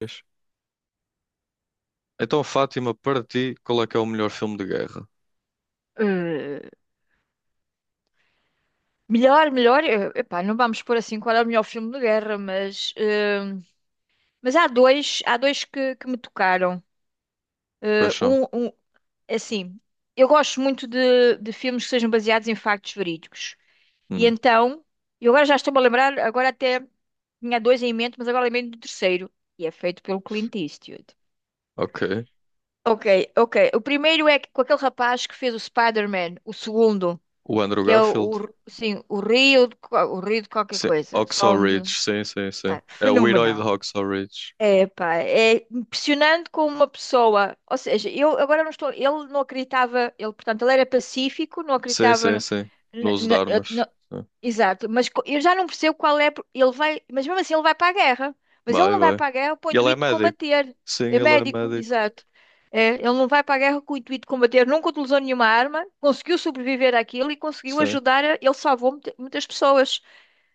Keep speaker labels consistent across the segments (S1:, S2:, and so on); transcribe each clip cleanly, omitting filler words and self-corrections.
S1: Vês? Então, Fátima, para ti, qual é que é o melhor filme de guerra?
S2: Eh, melhor, melhor, epá, não vamos pôr assim qual é o melhor filme de guerra, mas, mas há dois que me tocaram. Eh,
S1: Quais são?
S2: um, um, é assim, eu gosto muito de filmes que sejam baseados em factos verídicos. E
S1: Hum,
S2: então, eu agora já estou-me a lembrar, agora até tinha dois em mente, mas agora lembrei do terceiro, e é feito pelo Clint Eastwood.
S1: ok.
S2: Ok, ok. O primeiro é com aquele rapaz que fez o Spider-Man, o segundo.
S1: O Andrew
S2: Que é
S1: Garfield?
S2: o- Sim, o Rio, de, o Rio de qualquer
S1: Sim.
S2: coisa,
S1: Hacksaw
S2: som de,
S1: Ridge, sim, sim, sim.
S2: tá,
S1: É o herói de
S2: fenomenal.
S1: Hacksaw Ridge.
S2: É, pá, é impressionante como uma pessoa, ou seja, eu agora não estou, ele não acreditava, ele, portanto, ele era pacífico, não
S1: Sim,
S2: acreditava,
S1: sim, sim. No
S2: na-
S1: uso de
S2: na-
S1: armas.
S2: na-
S1: Sim.
S2: exato, mas eu já não percebo qual é, ele vai, mas mesmo assim ele vai para a guerra, mas ele
S1: Vai,
S2: não vai
S1: vai.
S2: para a guerra com o
S1: Ele é
S2: intuito de
S1: médico.
S2: combater,
S1: Sim,
S2: é
S1: ele é
S2: médico,
S1: médico.
S2: exato. É, ele não vai para a guerra com o intuito de combater, nunca utilizou nenhuma arma, conseguiu sobreviver àquilo e conseguiu
S1: Sim.
S2: ajudar, ele salvou muitas pessoas,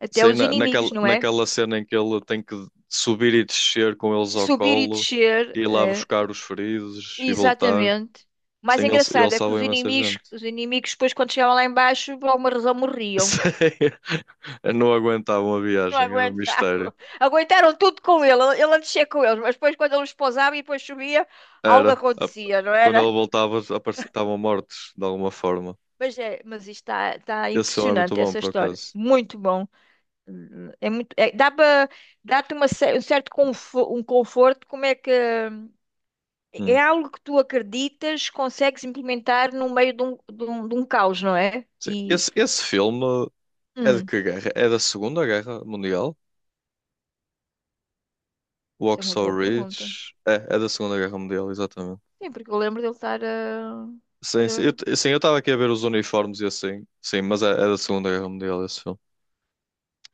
S2: até
S1: Sim,
S2: os
S1: na, naquela,
S2: inimigos, não é?
S1: naquela cena em que ele tem que subir e descer com eles ao
S2: Subir e
S1: colo,
S2: descer.
S1: e ir lá
S2: É.
S1: buscar os feridos e voltar.
S2: Exatamente. O mais
S1: Sim, ele
S2: engraçado é que
S1: salva imensa gente.
S2: os inimigos depois quando chegavam lá embaixo, por alguma razão morriam.
S1: Sei. Não aguentavam a
S2: Não
S1: viagem, era um mistério.
S2: aguentavam. Aguentaram tudo com ele. Ele a descer com eles, mas depois quando ele os pousava e depois subia, algo
S1: Era.
S2: acontecia, não
S1: Quando
S2: era?
S1: ela voltava, estavam mortos, de alguma forma.
S2: Mas, é, mas isto está
S1: Esse filme é muito
S2: impressionante,
S1: bom,
S2: essa
S1: por
S2: história.
S1: acaso.
S2: Muito bom. Dá para, dá-te uma cer- um certo confo- um conforto, como é que... hum, é
S1: Hum,
S2: algo que tu acreditas, consegues implementar no meio de um caos, não é?
S1: sim.
S2: E...
S1: Esse filme é de
S2: hum,
S1: que guerra? É da Segunda Guerra Mundial?
S2: isso é uma
S1: Waxhaw
S2: boa pergunta.
S1: Ridge? É da Segunda Guerra Mundial, exatamente.
S2: Sim, porque eu lembro dele estar a.
S1: Sim, sim. Eu,
S2: Era...
S1: t- sim, eu estava aqui a ver os uniformes e assim. Sim, mas é da Segunda Guerra Mundial esse filme.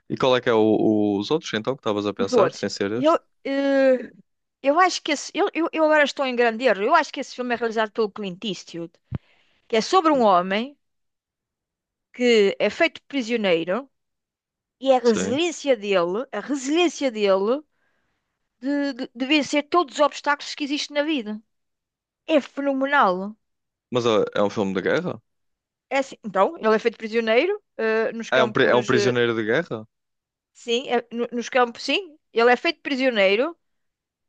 S1: E qual é que é os outros, então, que estavas a
S2: Os
S1: pensar,
S2: outros.
S1: sem ser
S2: Eu,
S1: este?
S2: eh, eu acho que esse. Eu agora estou em grande erro. Eu acho que esse filme é realizado pelo Clint Eastwood, que é sobre um
S1: Hum.
S2: homem que é feito prisioneiro e
S1: Sim.
S2: a resiliência dele de vencer todos os obstáculos que existem na vida. É fenomenal.
S1: Mas é um filme de guerra?
S2: É assim. Então, ele é feito prisioneiro, nos
S1: Ah, é um
S2: campos.
S1: prisioneiro de guerra?
S2: Sim, nos campos, sim. Ele é feito prisioneiro.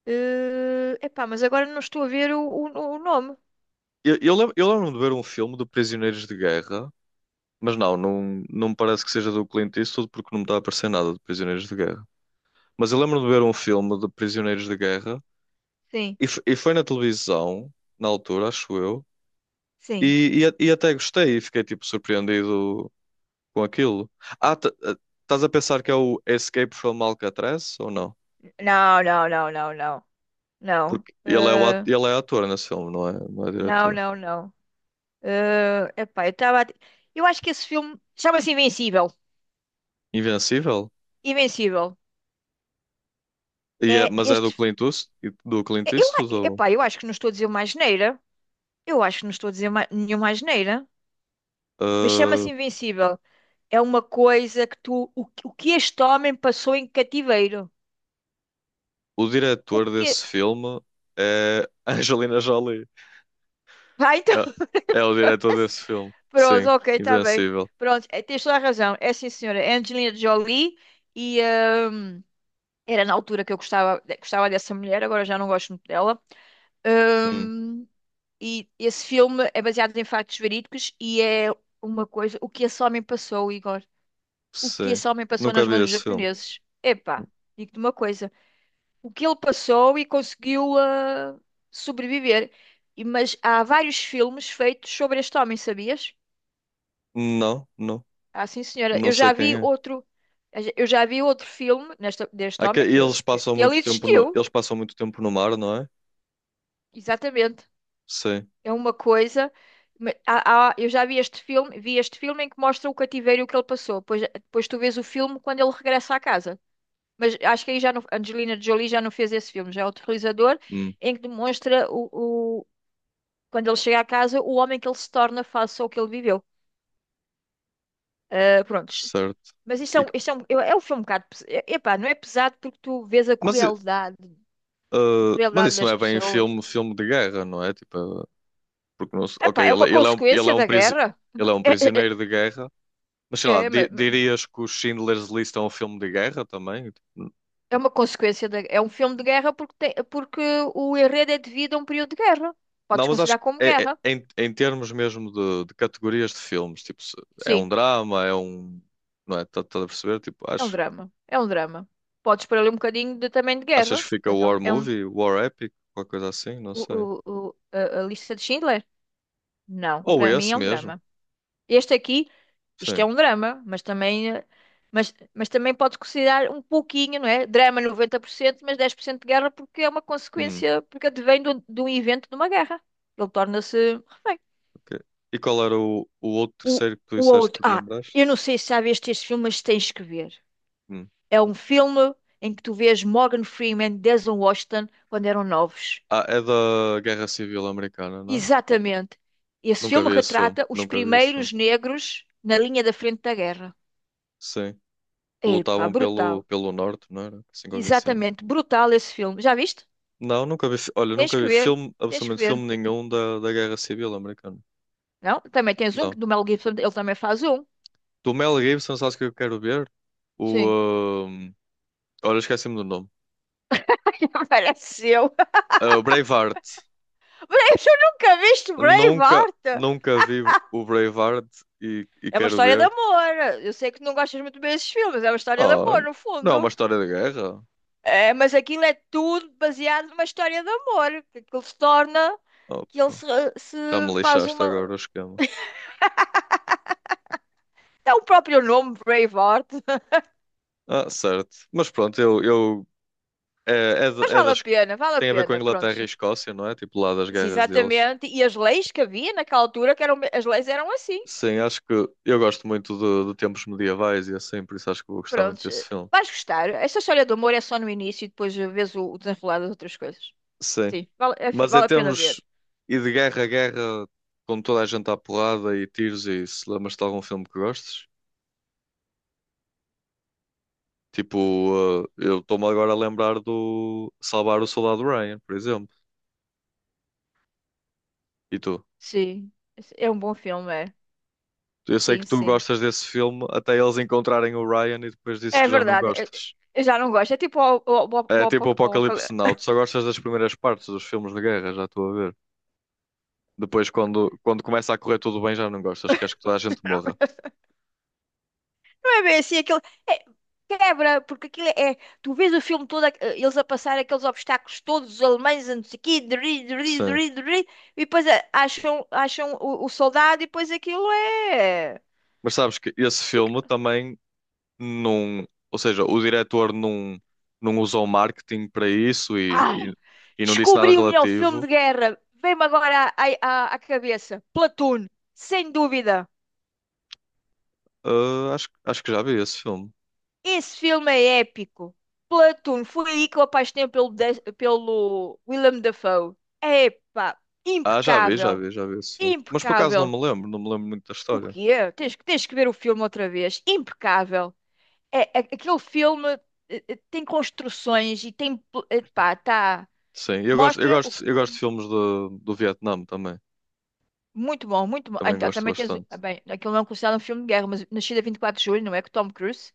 S2: Epá, mas agora não estou a ver o nome.
S1: Eu lembro-me de ver um filme de prisioneiros de guerra, mas não me parece que seja do Clint Eastwood porque não me está a aparecer nada de prisioneiros de guerra. Mas eu lembro-me de ver um filme de prisioneiros de guerra
S2: Sim,
S1: e foi na televisão, na altura, acho eu,
S2: sim.
S1: e até gostei e fiquei tipo surpreendido com aquilo. Ah, estás a pensar que é o Escape from Alcatraz ou não?
S2: Não, não, não. Não.
S1: Porque ele é, o, at- ele é ator nesse filme, não é, não é
S2: Não,
S1: diretor.
S2: não, não. Epá, eu estava. Eu acho que esse filme chama-se Invencível.
S1: Invencível?
S2: Invencível.
S1: E
S2: É
S1: mas é do
S2: este.
S1: Clint Eastwood, do Clint Eastwood ou-
S2: Epá, eu acho que não estou a dizer uma asneira. Eu acho que não estou a dizer nenhuma asneira. Mas
S1: Ah,
S2: chama-se Invencível. É uma coisa que tu. O que este homem passou em cativeiro?
S1: o
S2: O
S1: diretor
S2: que.
S1: desse filme é Angelina Jolie.
S2: Vai, então.
S1: É o diretor desse filme.
S2: Pronto,
S1: Sim,
S2: ok, está bem.
S1: Invencível.
S2: Pronto, é, tens toda a razão. É, sim, senhora. É Angelina Jolie e hum, era na altura que eu gostava, gostava dessa mulher, agora já não gosto muito dela.
S1: Hum,
S2: Hum. E esse filme é baseado em factos verídicos e é uma coisa. O que esse homem passou, Igor? O que
S1: sim.
S2: esse homem passou
S1: Nunca
S2: nas
S1: vi
S2: mãos dos
S1: esse filme.
S2: japoneses? Epá, digo-te uma coisa. O que ele passou e conseguiu sobreviver. Mas há vários filmes feitos sobre este homem, sabias?
S1: Não, não,
S2: Ah, sim, senhora.
S1: não sei quem é.
S2: Eu já vi outro filme nesta, deste
S1: Ah, que
S2: homem
S1: e eles passam
S2: que ele
S1: muito tempo no,
S2: existiu.
S1: eles passam muito tempo no mar, não é?
S2: Exatamente.
S1: Sim.
S2: É uma coisa. Eu já vi este filme em que mostra o cativeiro que ele passou. Depois tu vês o filme quando ele regressa à casa. Mas acho que aí já não, Angelina Jolie já não fez esse filme, já é outro realizador,
S1: Hum,
S2: em que demonstra quando ele chega à casa, o homem que ele se torna face ao que ele viveu. Ah, prontos.
S1: certo.
S2: Mas
S1: E que-
S2: isto é um, é um filme um bocado. Epá, não é pesado porque tu vês
S1: mas, i-
S2: a
S1: mas
S2: crueldade
S1: isso não
S2: das
S1: é bem
S2: pessoas.
S1: filme, filme de guerra, não é? Tipo, porque não, ok,
S2: Epá, é uma consequência da guerra.
S1: ele é um
S2: É, é,
S1: prisioneiro de guerra, mas sei lá,
S2: é, é,
S1: di-
S2: ma- ma-
S1: dirias que o Schindler's List é um filme de guerra também?
S2: É uma consequência da, é um filme de guerra porque, tem, porque o enredo é devido a um período de guerra.
S1: Não,
S2: Podes
S1: mas acho
S2: considerar
S1: que
S2: como guerra.
S1: em termos mesmo de categorias de filmes, tipo, se é um
S2: Sim,
S1: drama, é um. Não é? Estás a perceber? Tipo,
S2: é um
S1: acho,
S2: drama. É um drama. Podes pôr ali um bocadinho de, também de
S1: achas
S2: guerra,
S1: que fica
S2: mas
S1: War
S2: é um
S1: Movie, War Epic, qualquer coisa assim? Não
S2: o,
S1: sei.
S2: a lista de Schindler? Não,
S1: Ou
S2: para mim
S1: esse
S2: é um
S1: mesmo,
S2: drama. Este aqui, isto
S1: sim.
S2: é um drama, mas também, mas também pode considerar um pouquinho, não é? Drama 90%, mas 10% de guerra porque é uma
S1: Hum,
S2: consequência, porque advém de um evento de uma guerra. Ele torna-se refém.
S1: ok. E qual era o outro
S2: O,
S1: terceiro que tu
S2: o
S1: disseste
S2: outro,
S1: que te
S2: ah,
S1: lembraste?
S2: eu não sei se já viste este filme, mas tens que ver.
S1: Hum.
S2: É um filme em que tu vês Morgan Freeman, Denzel Washington, quando eram novos.
S1: Ah, é da Guerra Civil Americana, não é?
S2: Exatamente. Esse
S1: Nunca
S2: filme
S1: vi esse filme,
S2: retrata os
S1: nunca vi esse filme.
S2: primeiros negros na linha da frente da guerra.
S1: Sim, que
S2: Epá,
S1: lutavam pelo,
S2: brutal.
S1: pelo norte, não era? Assim qualquer cena.
S2: Exatamente, brutal esse filme. Já viste?
S1: Não, nunca vi, olha,
S2: Tens
S1: nunca
S2: que
S1: vi
S2: ver,
S1: filme,
S2: tens que
S1: absolutamente
S2: ver.
S1: filme nenhum da Guerra Civil Americana.
S2: Não? Também tens um que
S1: Não.
S2: do Mel Gibson, ele também faz um.
S1: Do Mel Gibson, sabes o que eu quero ver? O,
S2: Sim.
S1: ahm, olha, esqueci-me do nome.
S2: Apareceu.
S1: Ah, o Braveheart.
S2: Mas eu nunca viste
S1: Nunca,
S2: Braveheart.
S1: nunca vi o Braveheart e
S2: É uma
S1: quero
S2: história de
S1: ver.
S2: amor. Eu sei que não gostas muito bem desses filmes, é uma história de
S1: Ah,
S2: amor, no
S1: não é uma
S2: fundo.
S1: história de guerra?
S2: É, mas aquilo é tudo baseado numa história de amor, que aquilo se torna, que ele
S1: Opa,
S2: se, se
S1: já me
S2: faz
S1: lixaste agora o
S2: uma.
S1: esquema.
S2: É o próprio nome, Braveheart.
S1: Ah, certo. Mas pronto, eu É, é,
S2: Mas
S1: de- é das,
S2: vale a
S1: tem a ver com a
S2: pena,
S1: Inglaterra
S2: pronto.
S1: e Escócia, não é? Tipo lá das
S2: Sim,
S1: guerras deles.
S2: exatamente. E as leis que havia naquela altura, que eram, as leis eram assim.
S1: Sim, acho que eu gosto muito de tempos medievais e assim, por isso acho que vou gostar muito
S2: Prontos.
S1: desse filme.
S2: Vais gostar. Esta história do amor é só no início e depois vês o desenrolar das outras coisas.
S1: Sim.
S2: Sim, vale,
S1: Mas em
S2: vale a pena
S1: termos
S2: ver.
S1: e de guerra a guerra, com toda a gente à porrada e tiros e isso, lembras-te de algum filme que gostes? Tipo, eu estou-me agora a lembrar do Salvar o Soldado Ryan, por exemplo. E tu?
S2: Sim. É um bom filme, é.
S1: Eu sei que
S2: Sim,
S1: tu
S2: sim.
S1: gostas desse filme até eles encontrarem o Ryan e depois dizes
S2: É
S1: que já não
S2: verdade.
S1: gostas.
S2: Eu já não gosto. É tipo o, o, o,
S1: É
S2: o,
S1: tipo o
S2: apoca- o
S1: Apocalipse
S2: apoca-
S1: Now. Tu só gostas das primeiras partes dos filmes de guerra, já estou a ver. Depois, quando começa a correr tudo bem, já não gostas. Queres que toda a gente morra.
S2: É bem assim, é- quebra, porque aquilo é. Tu vês o filme todo, eles a passar aqueles obstáculos todos, os alemães, a não sei o quê, dri, dri,
S1: Sim.
S2: dri, dri, e depois acham o soldado, e depois aquilo é.
S1: Mas sabes que esse filme também não. Ou seja, o diretor não usou marketing para isso e,
S2: Ai,
S1: e, e não disse nada
S2: descobri o melhor filme
S1: relativo.
S2: de guerra. Vem-me agora à cabeça. Platoon, sem dúvida.
S1: Ah, acho que já vi esse filme.
S2: Esse filme é épico. Platoon, foi aí que eu apaixonei pelo Willem Dafoe. Epá,
S1: Ah, já vi, já
S2: impecável,
S1: vi, já vi esse filme. Mas por acaso não
S2: impecável.
S1: me lembro, não me lembro muito da
S2: O
S1: história.
S2: quê? Tens que ver o filme outra vez. Impecável. É, aquele filme tem construções e tem, pá, tá,
S1: Sim, eu gosto, eu
S2: mostra
S1: gosto, eu gosto de filmes do Vietnã também.
S2: muito bom, muito bom. Ah,
S1: Também
S2: então,
S1: gosto
S2: também tens,
S1: bastante.
S2: bem, aquilo não é considerado um filme de guerra, mas Nascida 24 de Julho, não é? Com Tom Cruise,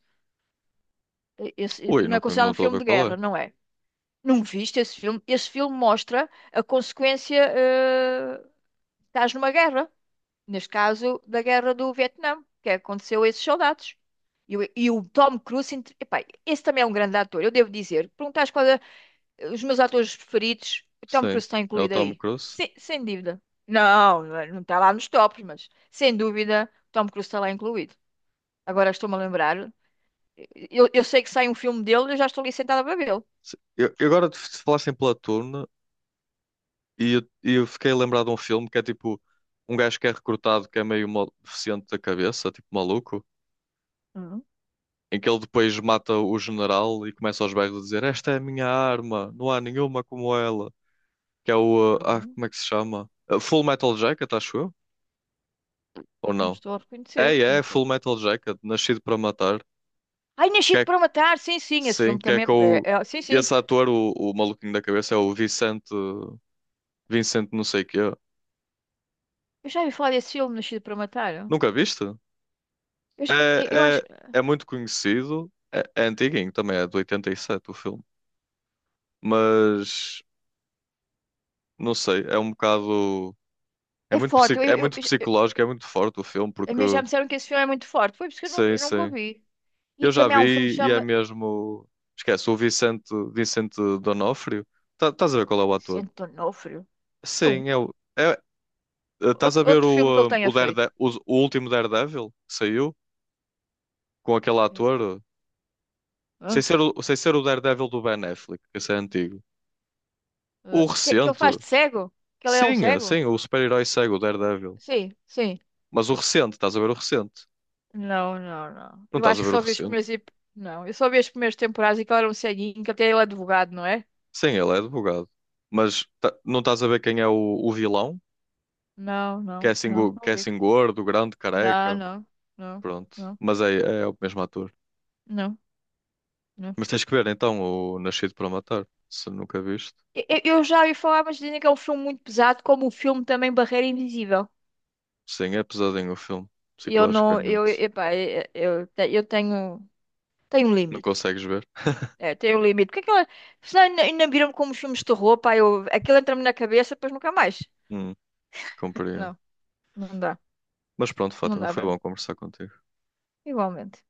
S2: esse,
S1: Ui,
S2: não é
S1: não
S2: considerado um
S1: estou a
S2: filme
S1: ver
S2: de
S1: qual
S2: guerra,
S1: é.
S2: não é? Não viste esse filme? Esse filme mostra a consequência, estás numa guerra. Neste caso, da guerra do Vietnã, que aconteceu a esses soldados. E, o Tom Cruise, epá, esse também é um grande ator, eu devo dizer. Perguntaste qual é os meus atores preferidos, o Tom
S1: Sim,
S2: Cruise está
S1: é o
S2: incluído
S1: Tom
S2: aí.
S1: Cruise.
S2: Sem dúvida. Não, não está lá nos tops, mas sem dúvida, o Tom Cruise está lá incluído. Agora estou-me a lembrar. Eu sei que sai um filme dele e eu já estou ali sentada para vê-lo.
S1: Sim. Eu agora, se falassem pela turno, e eu fiquei lembrado de um filme que é tipo um gajo que é recrutado, que é meio deficiente da cabeça, tipo maluco,
S2: Hum,
S1: em que ele depois mata o general e começa aos berros a dizer: Esta é a minha arma, não há nenhuma como ela. Que é o. Ah,
S2: hum,
S1: como é que se chama? Full Metal Jacket, acho eu? Ou
S2: não
S1: não?
S2: estou a
S1: É,
S2: reconhecer, não
S1: é
S2: estou.
S1: Full Metal Jacket, Nascido para Matar.
S2: Ai, Nascido para Matar, sim, sim, esse
S1: Sim,
S2: filme
S1: que é
S2: também
S1: com o...
S2: é, sim, sim.
S1: Esse ator, o maluquinho da cabeça, é o Vicente... Vicente não sei quê.
S2: Eu já ouvi falar desse filme, Nascido para Matar.
S1: Nunca viste?
S2: Eu, já- eu
S1: É,
S2: acho
S1: é,
S2: que
S1: é muito conhecido. É antiguinho também, é de 87 o filme. Mas, não sei, é um bocado... É
S2: é
S1: muito, psi-
S2: forte.
S1: é muito psicológico, é muito forte o filme,
S2: A
S1: porque...
S2: mim já me disseram que esse filme é muito forte. Foi por isso que
S1: Sim,
S2: eu nunca o.
S1: sim.
S2: E
S1: Eu já
S2: também há um filme que
S1: vi e é
S2: chama
S1: mesmo... Esquece, o Vicente, Vicente D'Onofrio. Estás a ver qual é o ator?
S2: Vicente D'Onofrio. Não.
S1: Sim, é, estás
S2: Outro,
S1: a ver
S2: outro filme que ele
S1: o, eh,
S2: tenha
S1: o,
S2: feito.
S1: Darede- o último Daredevil que saiu com aquele ator? Sem
S2: Hã?
S1: ser o, sem ser o Daredevil do Ben Affleck, que esse é antigo. O
S2: Hã? Que ele
S1: recente,
S2: faz de cego? Que ele é um
S1: sim,
S2: cego?
S1: sim, o super-herói segue o Daredevil.
S2: Sim, sim.
S1: Mas o recente, estás a ver o recente?
S2: Não, não, não.
S1: Não
S2: Eu
S1: estás a
S2: acho que
S1: ver o
S2: só vi os
S1: recente?
S2: primeiros. Não, eu só vi as primeiras temporadas e que ele era um ceguinho, que até ele é advogado, não é?
S1: Sim, ele é advogado. Mas não estás a ver quem é o vilão?
S2: Não,
S1: Que é
S2: não,
S1: assim,
S2: não,
S1: go- que
S2: não
S1: é
S2: vi.
S1: assim gordo, grande,
S2: Não,
S1: careca.
S2: não, não,
S1: Pronto.
S2: não,
S1: Mas é o mesmo ator.
S2: não. Não.
S1: Mas tens que ver então o Nascido para Matar, se nunca viste.
S2: Eu já ouvi falar, mas dizem que é um filme muito pesado, como o filme também Barreira Invisível.
S1: Sim, é pesadinho o filme,
S2: E Eu não, eu,
S1: psicologicamente.
S2: epá, eu te- Eu tenho, tenho um
S1: Não
S2: limite.
S1: consegues ver?
S2: É, tenho um limite. Porque aquela, senão ainda, ainda viram como os filmes de terror, pá, eu, aquilo entra-me na cabeça, depois nunca mais.
S1: Hum, Compreendo.
S2: Não, não dá,
S1: Mas pronto,
S2: não
S1: Fátima,
S2: dá
S1: foi
S2: para
S1: bom
S2: mim.
S1: conversar contigo.
S2: Igualmente.